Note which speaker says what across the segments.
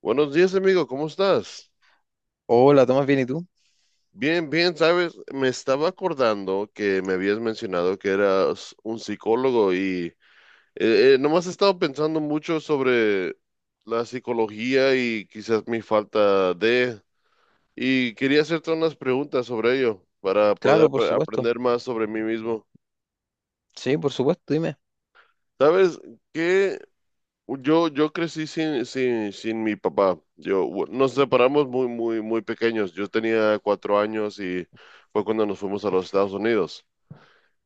Speaker 1: Buenos días, amigo, ¿cómo estás?
Speaker 2: Hola, Tomás, ¿bien y tú?
Speaker 1: Bien, bien, sabes, me estaba acordando que me habías mencionado que eras un psicólogo y nomás he estado pensando mucho sobre la psicología y quizás mi falta de. Y quería hacerte unas preguntas sobre ello para poder
Speaker 2: Claro, por supuesto.
Speaker 1: aprender más sobre mí mismo.
Speaker 2: Sí, por supuesto, dime.
Speaker 1: ¿Sabes qué? Yo crecí sin mi papá. Nos separamos muy, muy, muy pequeños. Yo tenía 4 años y fue cuando nos fuimos a los Estados Unidos.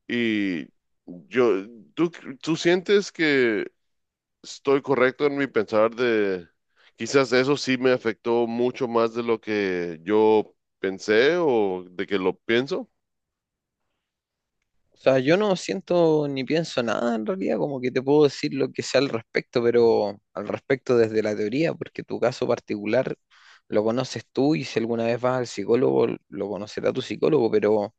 Speaker 1: Y yo, ¿tú, tú sientes que estoy correcto en mi pensar de quizás eso sí me afectó mucho más de lo que yo pensé o de que lo pienso?
Speaker 2: O sea, yo no siento ni pienso nada en realidad, como que te puedo decir lo que sea al respecto, pero al respecto desde la teoría, porque tu caso particular lo conoces tú y si alguna vez vas al psicólogo, lo conocerá tu psicólogo, pero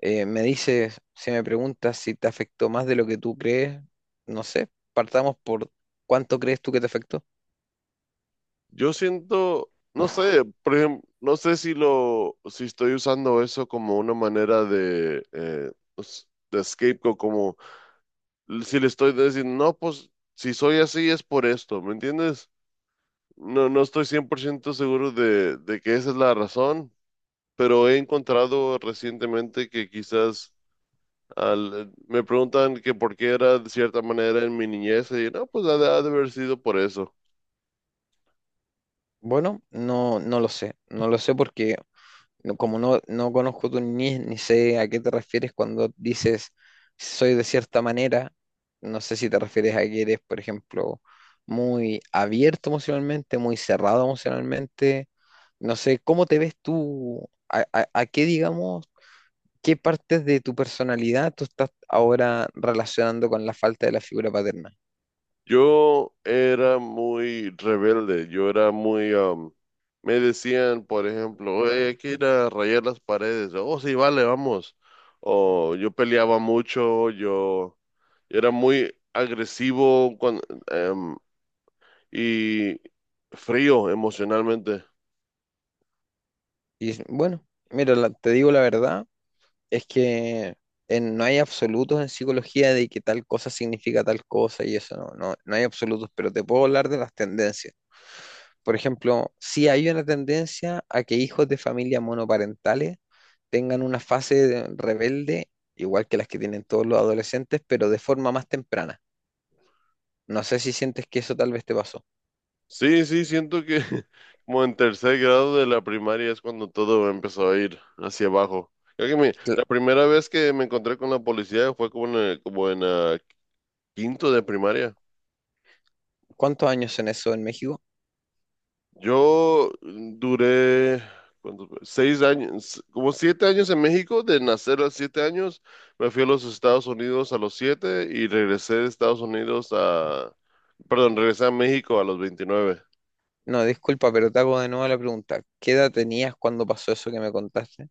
Speaker 2: me dices, si me preguntas si te afectó más de lo que tú crees, no sé, partamos por cuánto crees tú que te afectó.
Speaker 1: Yo siento, no sé, por ejemplo, no sé si lo, si estoy usando eso como una manera de, pues, de scapegoat, como si le estoy diciendo, no, pues si soy así es por esto, ¿me entiendes? No, no estoy 100% seguro de que esa es la razón, pero he encontrado recientemente que quizás me preguntan que por qué era de cierta manera en mi niñez, y no, pues ha de haber sido por eso.
Speaker 2: Bueno, no lo sé, no lo sé porque como no conozco tu niñez ni sé a qué te refieres cuando dices soy de cierta manera, no sé si te refieres a que eres, por ejemplo, muy abierto emocionalmente, muy cerrado emocionalmente, no sé, ¿cómo te ves tú? ¿A qué, digamos, qué partes de tu personalidad tú estás ahora relacionando con la falta de la figura paterna?
Speaker 1: Yo era muy rebelde, yo era muy, me decían, por ejemplo, "Oye, hay que ir a rayar las paredes. Oh, sí, vale, vamos." O yo peleaba mucho, yo era muy agresivo em, y frío emocionalmente.
Speaker 2: Y bueno, mira, te digo la verdad. Es que no hay absolutos en psicología de que tal cosa significa tal cosa y eso no, no hay absolutos, pero te puedo hablar de las tendencias. Por ejemplo, sí hay una tendencia a que hijos de familias monoparentales tengan una rebelde, igual que las que tienen todos los adolescentes, pero de forma más temprana. No sé si sientes que eso tal vez te pasó.
Speaker 1: Sí, sí, siento que como en tercer grado de la primaria es cuando todo empezó a ir hacia abajo. Creo que
Speaker 2: Cla-
Speaker 1: la primera vez que me encontré con la policía fue como en quinto de primaria.
Speaker 2: ¿Cuántos años son eso en México?
Speaker 1: Yo duré ¿cuánto fue? 6 años, como 7 años en México, de nacer a los 7 años, me fui a los Estados Unidos a los 7 y regresé de Estados Unidos a, perdón, regresé a México a los 29.
Speaker 2: No, disculpa, pero te hago de nuevo la pregunta. ¿Qué edad tenías cuando pasó eso que me contaste?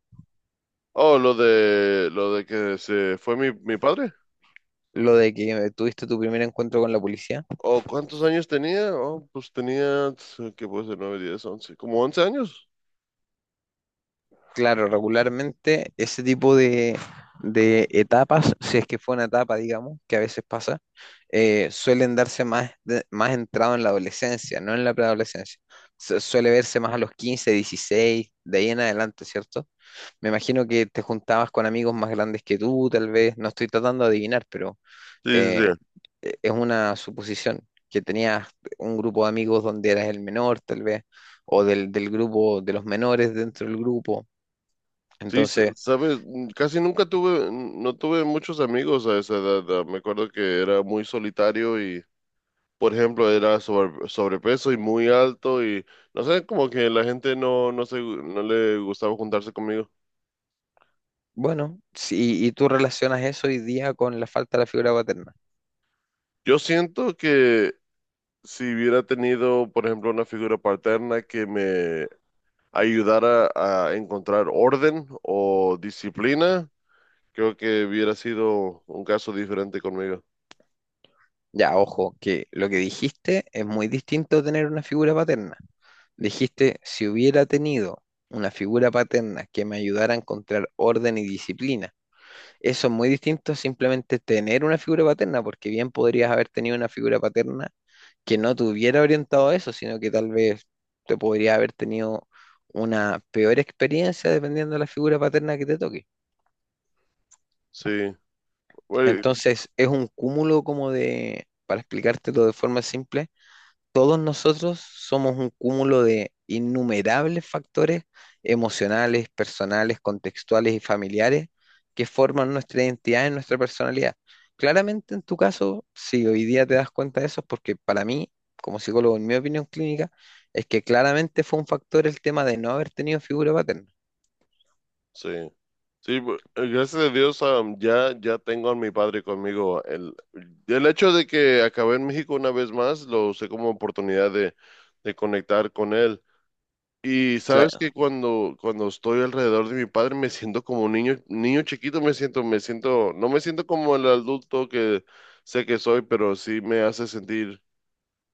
Speaker 1: Oh, lo de que se fue mi padre.
Speaker 2: Lo de que tuviste tu primer encuentro con la policía.
Speaker 1: ¿O cuántos años tenía? Oh, pues tenía, ¿qué puede ser? 9, 10, 11, como 11 años.
Speaker 2: Claro, regularmente ese tipo de etapas, si es que fue una etapa, digamos, que a veces pasa, suelen darse más, más entrado en la adolescencia, no en la preadolescencia. Suele verse más a los 15 16 de ahí en adelante, ¿cierto? Me imagino que te juntabas con amigos más grandes que tú, tal vez, no estoy tratando de adivinar, pero
Speaker 1: Sí, sí, sí.
Speaker 2: eh, es una suposición, que tenías un grupo de amigos donde eras el menor, tal vez, o del, del grupo de los menores dentro del grupo.
Speaker 1: Sí,
Speaker 2: Entonces,
Speaker 1: sabes, casi nunca tuve, no tuve muchos amigos a esa edad. Me acuerdo que era muy solitario y, por ejemplo, era sobrepeso y muy alto y, no sé, como que la gente no le gustaba juntarse conmigo.
Speaker 2: bueno, si, y tú relacionas eso hoy día con la falta de la figura paterna.
Speaker 1: Yo siento que si hubiera tenido, por ejemplo, una figura paterna que me ayudara a encontrar orden o disciplina, creo que hubiera sido un caso diferente conmigo.
Speaker 2: Ya, ojo, que lo que dijiste es muy distinto a tener una figura paterna. Dijiste, si hubiera tenido una figura paterna que me ayudara a encontrar orden y disciplina. Eso es muy distinto a simplemente tener una figura paterna, porque bien podrías haber tenido una figura paterna que no te hubiera orientado a eso, sino que tal vez te podría haber tenido una peor experiencia dependiendo de la figura paterna que te toque.
Speaker 1: Sí. Güey.
Speaker 2: Entonces, es un cúmulo como de, para explicártelo de forma simple, todos nosotros somos un cúmulo de innumerables factores emocionales, personales, contextuales y familiares que forman nuestra identidad y nuestra personalidad. Claramente en tu caso, si hoy día te das cuenta de eso, es porque para mí, como psicólogo, en mi opinión clínica, es que claramente fue un factor el tema de no haber tenido figura paterna.
Speaker 1: Sí, sí, gracias a Dios, ya, ya tengo a mi padre conmigo. El hecho de que acabé en México una vez más lo usé como oportunidad de conectar con él. Y sabes
Speaker 2: Cla-
Speaker 1: que cuando estoy alrededor de mi padre me siento como un niño, niño chiquito, no me siento como el adulto que sé que soy, pero sí me hace sentir,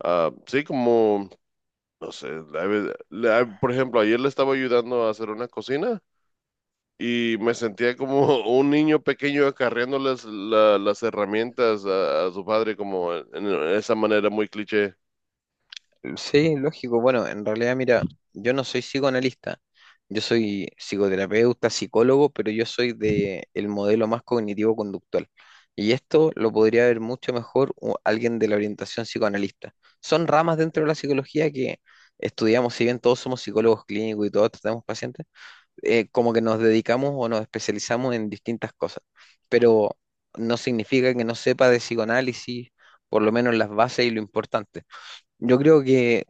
Speaker 1: sí, como, no sé, por ejemplo, ayer le estaba ayudando a hacer una cocina y me sentía como un niño pequeño acarreando las herramientas a su padre, como en esa manera muy cliché.
Speaker 2: Sí, lógico. Bueno, en realidad, mira, yo no soy psicoanalista, yo soy psicoterapeuta, psicólogo, pero yo soy de el modelo más cognitivo-conductual. Y esto lo podría ver mucho mejor alguien de la orientación psicoanalista. Son ramas dentro de la psicología que estudiamos, si bien todos somos psicólogos clínicos y todos tratamos pacientes, como que nos dedicamos o nos especializamos en distintas cosas. Pero no significa que no sepa de psicoanálisis, por lo menos las bases y lo importante. Yo creo que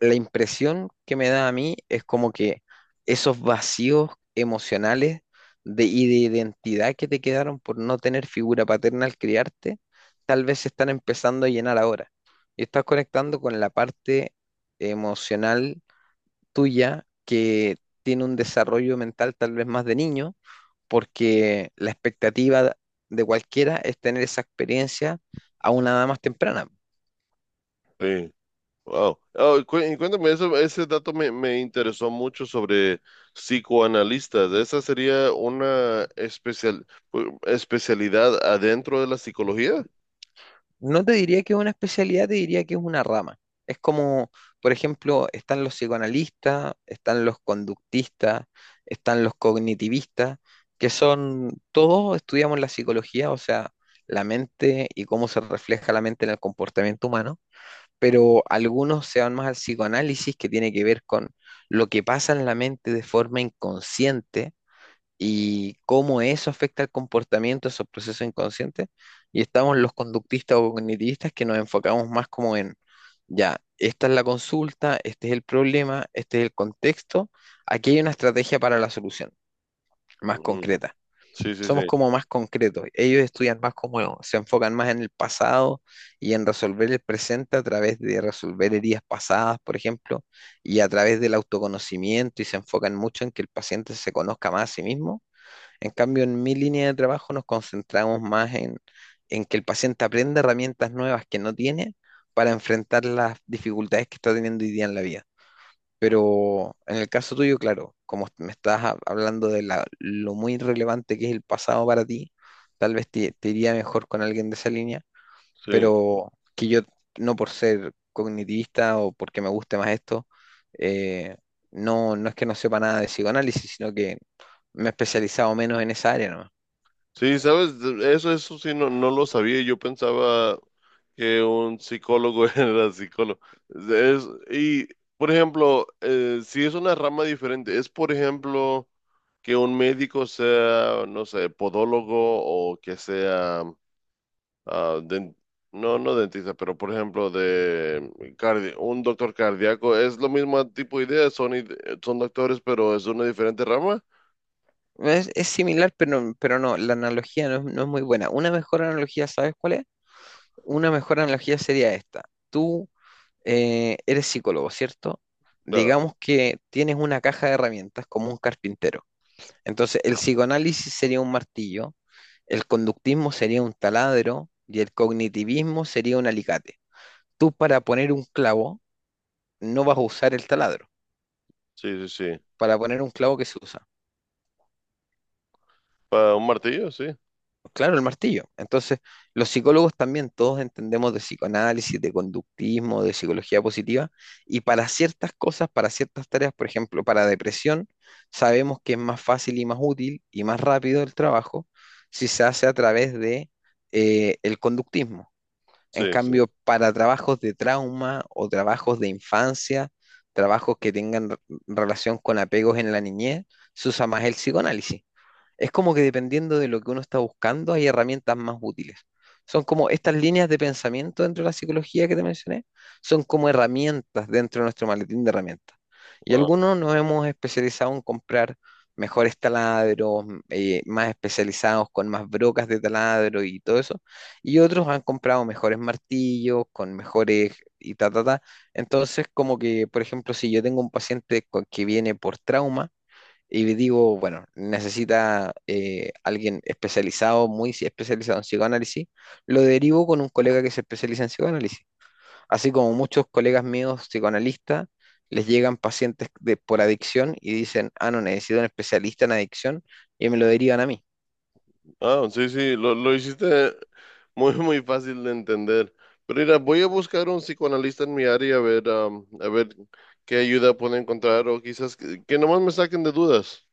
Speaker 2: la impresión que me da a mí es como que esos vacíos emocionales de, y de identidad que te quedaron por no tener figura paterna al criarte, tal vez se están empezando a llenar ahora. Y estás conectando con la parte emocional tuya que tiene un desarrollo mental tal vez más de niño, porque la expectativa de cualquiera es tener esa experiencia a una edad más temprana.
Speaker 1: Sí. Wow. Oh, y cuéntame, ese dato me interesó mucho sobre psicoanalistas. ¿Esa sería una especialidad adentro de la psicología?
Speaker 2: No te diría que es una especialidad, te diría que es una rama. Es como, por ejemplo, están los psicoanalistas, están los conductistas, están los cognitivistas, que son, todos estudiamos la psicología, o sea, la mente y cómo se refleja la mente en el comportamiento humano, pero algunos se van más al psicoanálisis, que tiene que ver con lo que pasa en la mente de forma inconsciente y cómo eso afecta el comportamiento, esos procesos inconscientes. Y estamos los conductistas o cognitivistas que nos enfocamos más como en, ya, esta es la consulta, este es el problema, este es el contexto, aquí hay una estrategia para la solución, más
Speaker 1: Mm.
Speaker 2: concreta.
Speaker 1: Sí, sí,
Speaker 2: Somos
Speaker 1: sí,
Speaker 2: como más concretos. Ellos estudian más como, se enfocan más en el pasado y en resolver el presente a través de resolver heridas pasadas, por ejemplo, y a través del autoconocimiento y se enfocan mucho en que el paciente se conozca más a sí mismo en cambio, en mi línea de trabajo nos concentramos más en que el paciente aprenda herramientas nuevas que no tiene para enfrentar las dificultades que está teniendo hoy día en la vida. Pero en el caso tuyo, claro, como me estás hablando de lo muy relevante que es el pasado para ti, tal vez te, te iría mejor con alguien de esa línea,
Speaker 1: sí.
Speaker 2: pero que yo, no por ser cognitivista o porque me guste más esto, eh, no, no es que no sepa nada de psicoanálisis, sino que me he especializado menos en esa área, ¿no?
Speaker 1: Sí, sabes, eso, eso sí, no, no lo sabía. Yo pensaba que un psicólogo era psicólogo. Es, y, por ejemplo, si es una rama diferente, es, por ejemplo, que un médico sea, no sé, podólogo o que sea, ah, den- no, no dentista, pero, por ejemplo, de un doctor cardíaco, es lo mismo tipo de idea, son doctores, pero es una diferente rama.
Speaker 2: Es similar, pero no, la analogía no es, no es muy buena. Una mejor analogía, ¿sabes cuál es? Una mejor analogía sería esta. Tú eres psicólogo, ¿cierto?
Speaker 1: Claro,
Speaker 2: Digamos que tienes una caja de herramientas como un carpintero. Entonces, el psicoanálisis sería un martillo, el conductismo sería un taladro y el cognitivismo sería un alicate. Tú para poner un clavo no vas a usar el taladro,
Speaker 1: sí, sí, sí.
Speaker 2: para poner un clavo que se usa.
Speaker 1: Para un martillo, sí,
Speaker 2: Claro, el martillo. Entonces, los psicólogos también todos entendemos de psicoanálisis, de conductismo, de psicología positiva, y para ciertas cosas, para ciertas tareas, por ejemplo, para depresión, sabemos que es más fácil y más útil y más rápido el trabajo si se hace a través de el conductismo. En
Speaker 1: sí, sí.
Speaker 2: cambio, para trabajos de trauma o trabajos de infancia, trabajos que tengan relación con apegos en la niñez, se usa más el psicoanálisis. Es como que dependiendo de lo que uno está buscando, hay herramientas más útiles. Son como estas líneas de pensamiento dentro de la psicología que te mencioné, son como herramientas dentro de nuestro maletín de herramientas. Y
Speaker 1: Ah.
Speaker 2: algunos nos hemos especializado en comprar mejores taladros, más especializados con más brocas de taladro y todo eso. Y otros han comprado mejores martillos, con mejores y ta, ta, ta. Entonces, como que, por ejemplo, si yo tengo un paciente que viene por trauma, y digo, bueno, necesita alguien especializado, muy especializado en psicoanálisis. Lo derivo con un colega que se especializa en psicoanálisis. Así como muchos colegas míos psicoanalistas, les llegan pacientes por adicción y dicen, ah, no, necesito un especialista en adicción y me lo derivan a mí.
Speaker 1: Ah, sí, sí, lo hiciste muy, muy fácil de entender. Pero mira, voy a buscar un psicoanalista en mi área a ver, a ver qué ayuda puedo encontrar o quizás que nomás me saquen de dudas.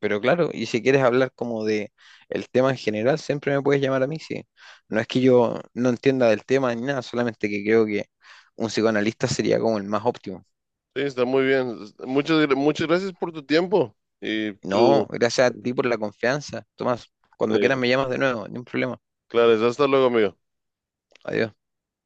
Speaker 2: Pero claro, y si quieres hablar como de el tema en general, siempre me puedes llamar a mí, sí. No es que yo no entienda del tema ni nada, solamente que creo que un psicoanalista sería como el más óptimo.
Speaker 1: Sí, está muy bien. Muchas, muchas gracias por tu tiempo y
Speaker 2: No,
Speaker 1: tú,
Speaker 2: gracias a ti por la confianza. Tomás, cuando
Speaker 1: eh,
Speaker 2: quieras me llamas de nuevo, ni un problema.
Speaker 1: claro, hasta luego, amigo.
Speaker 2: Adiós.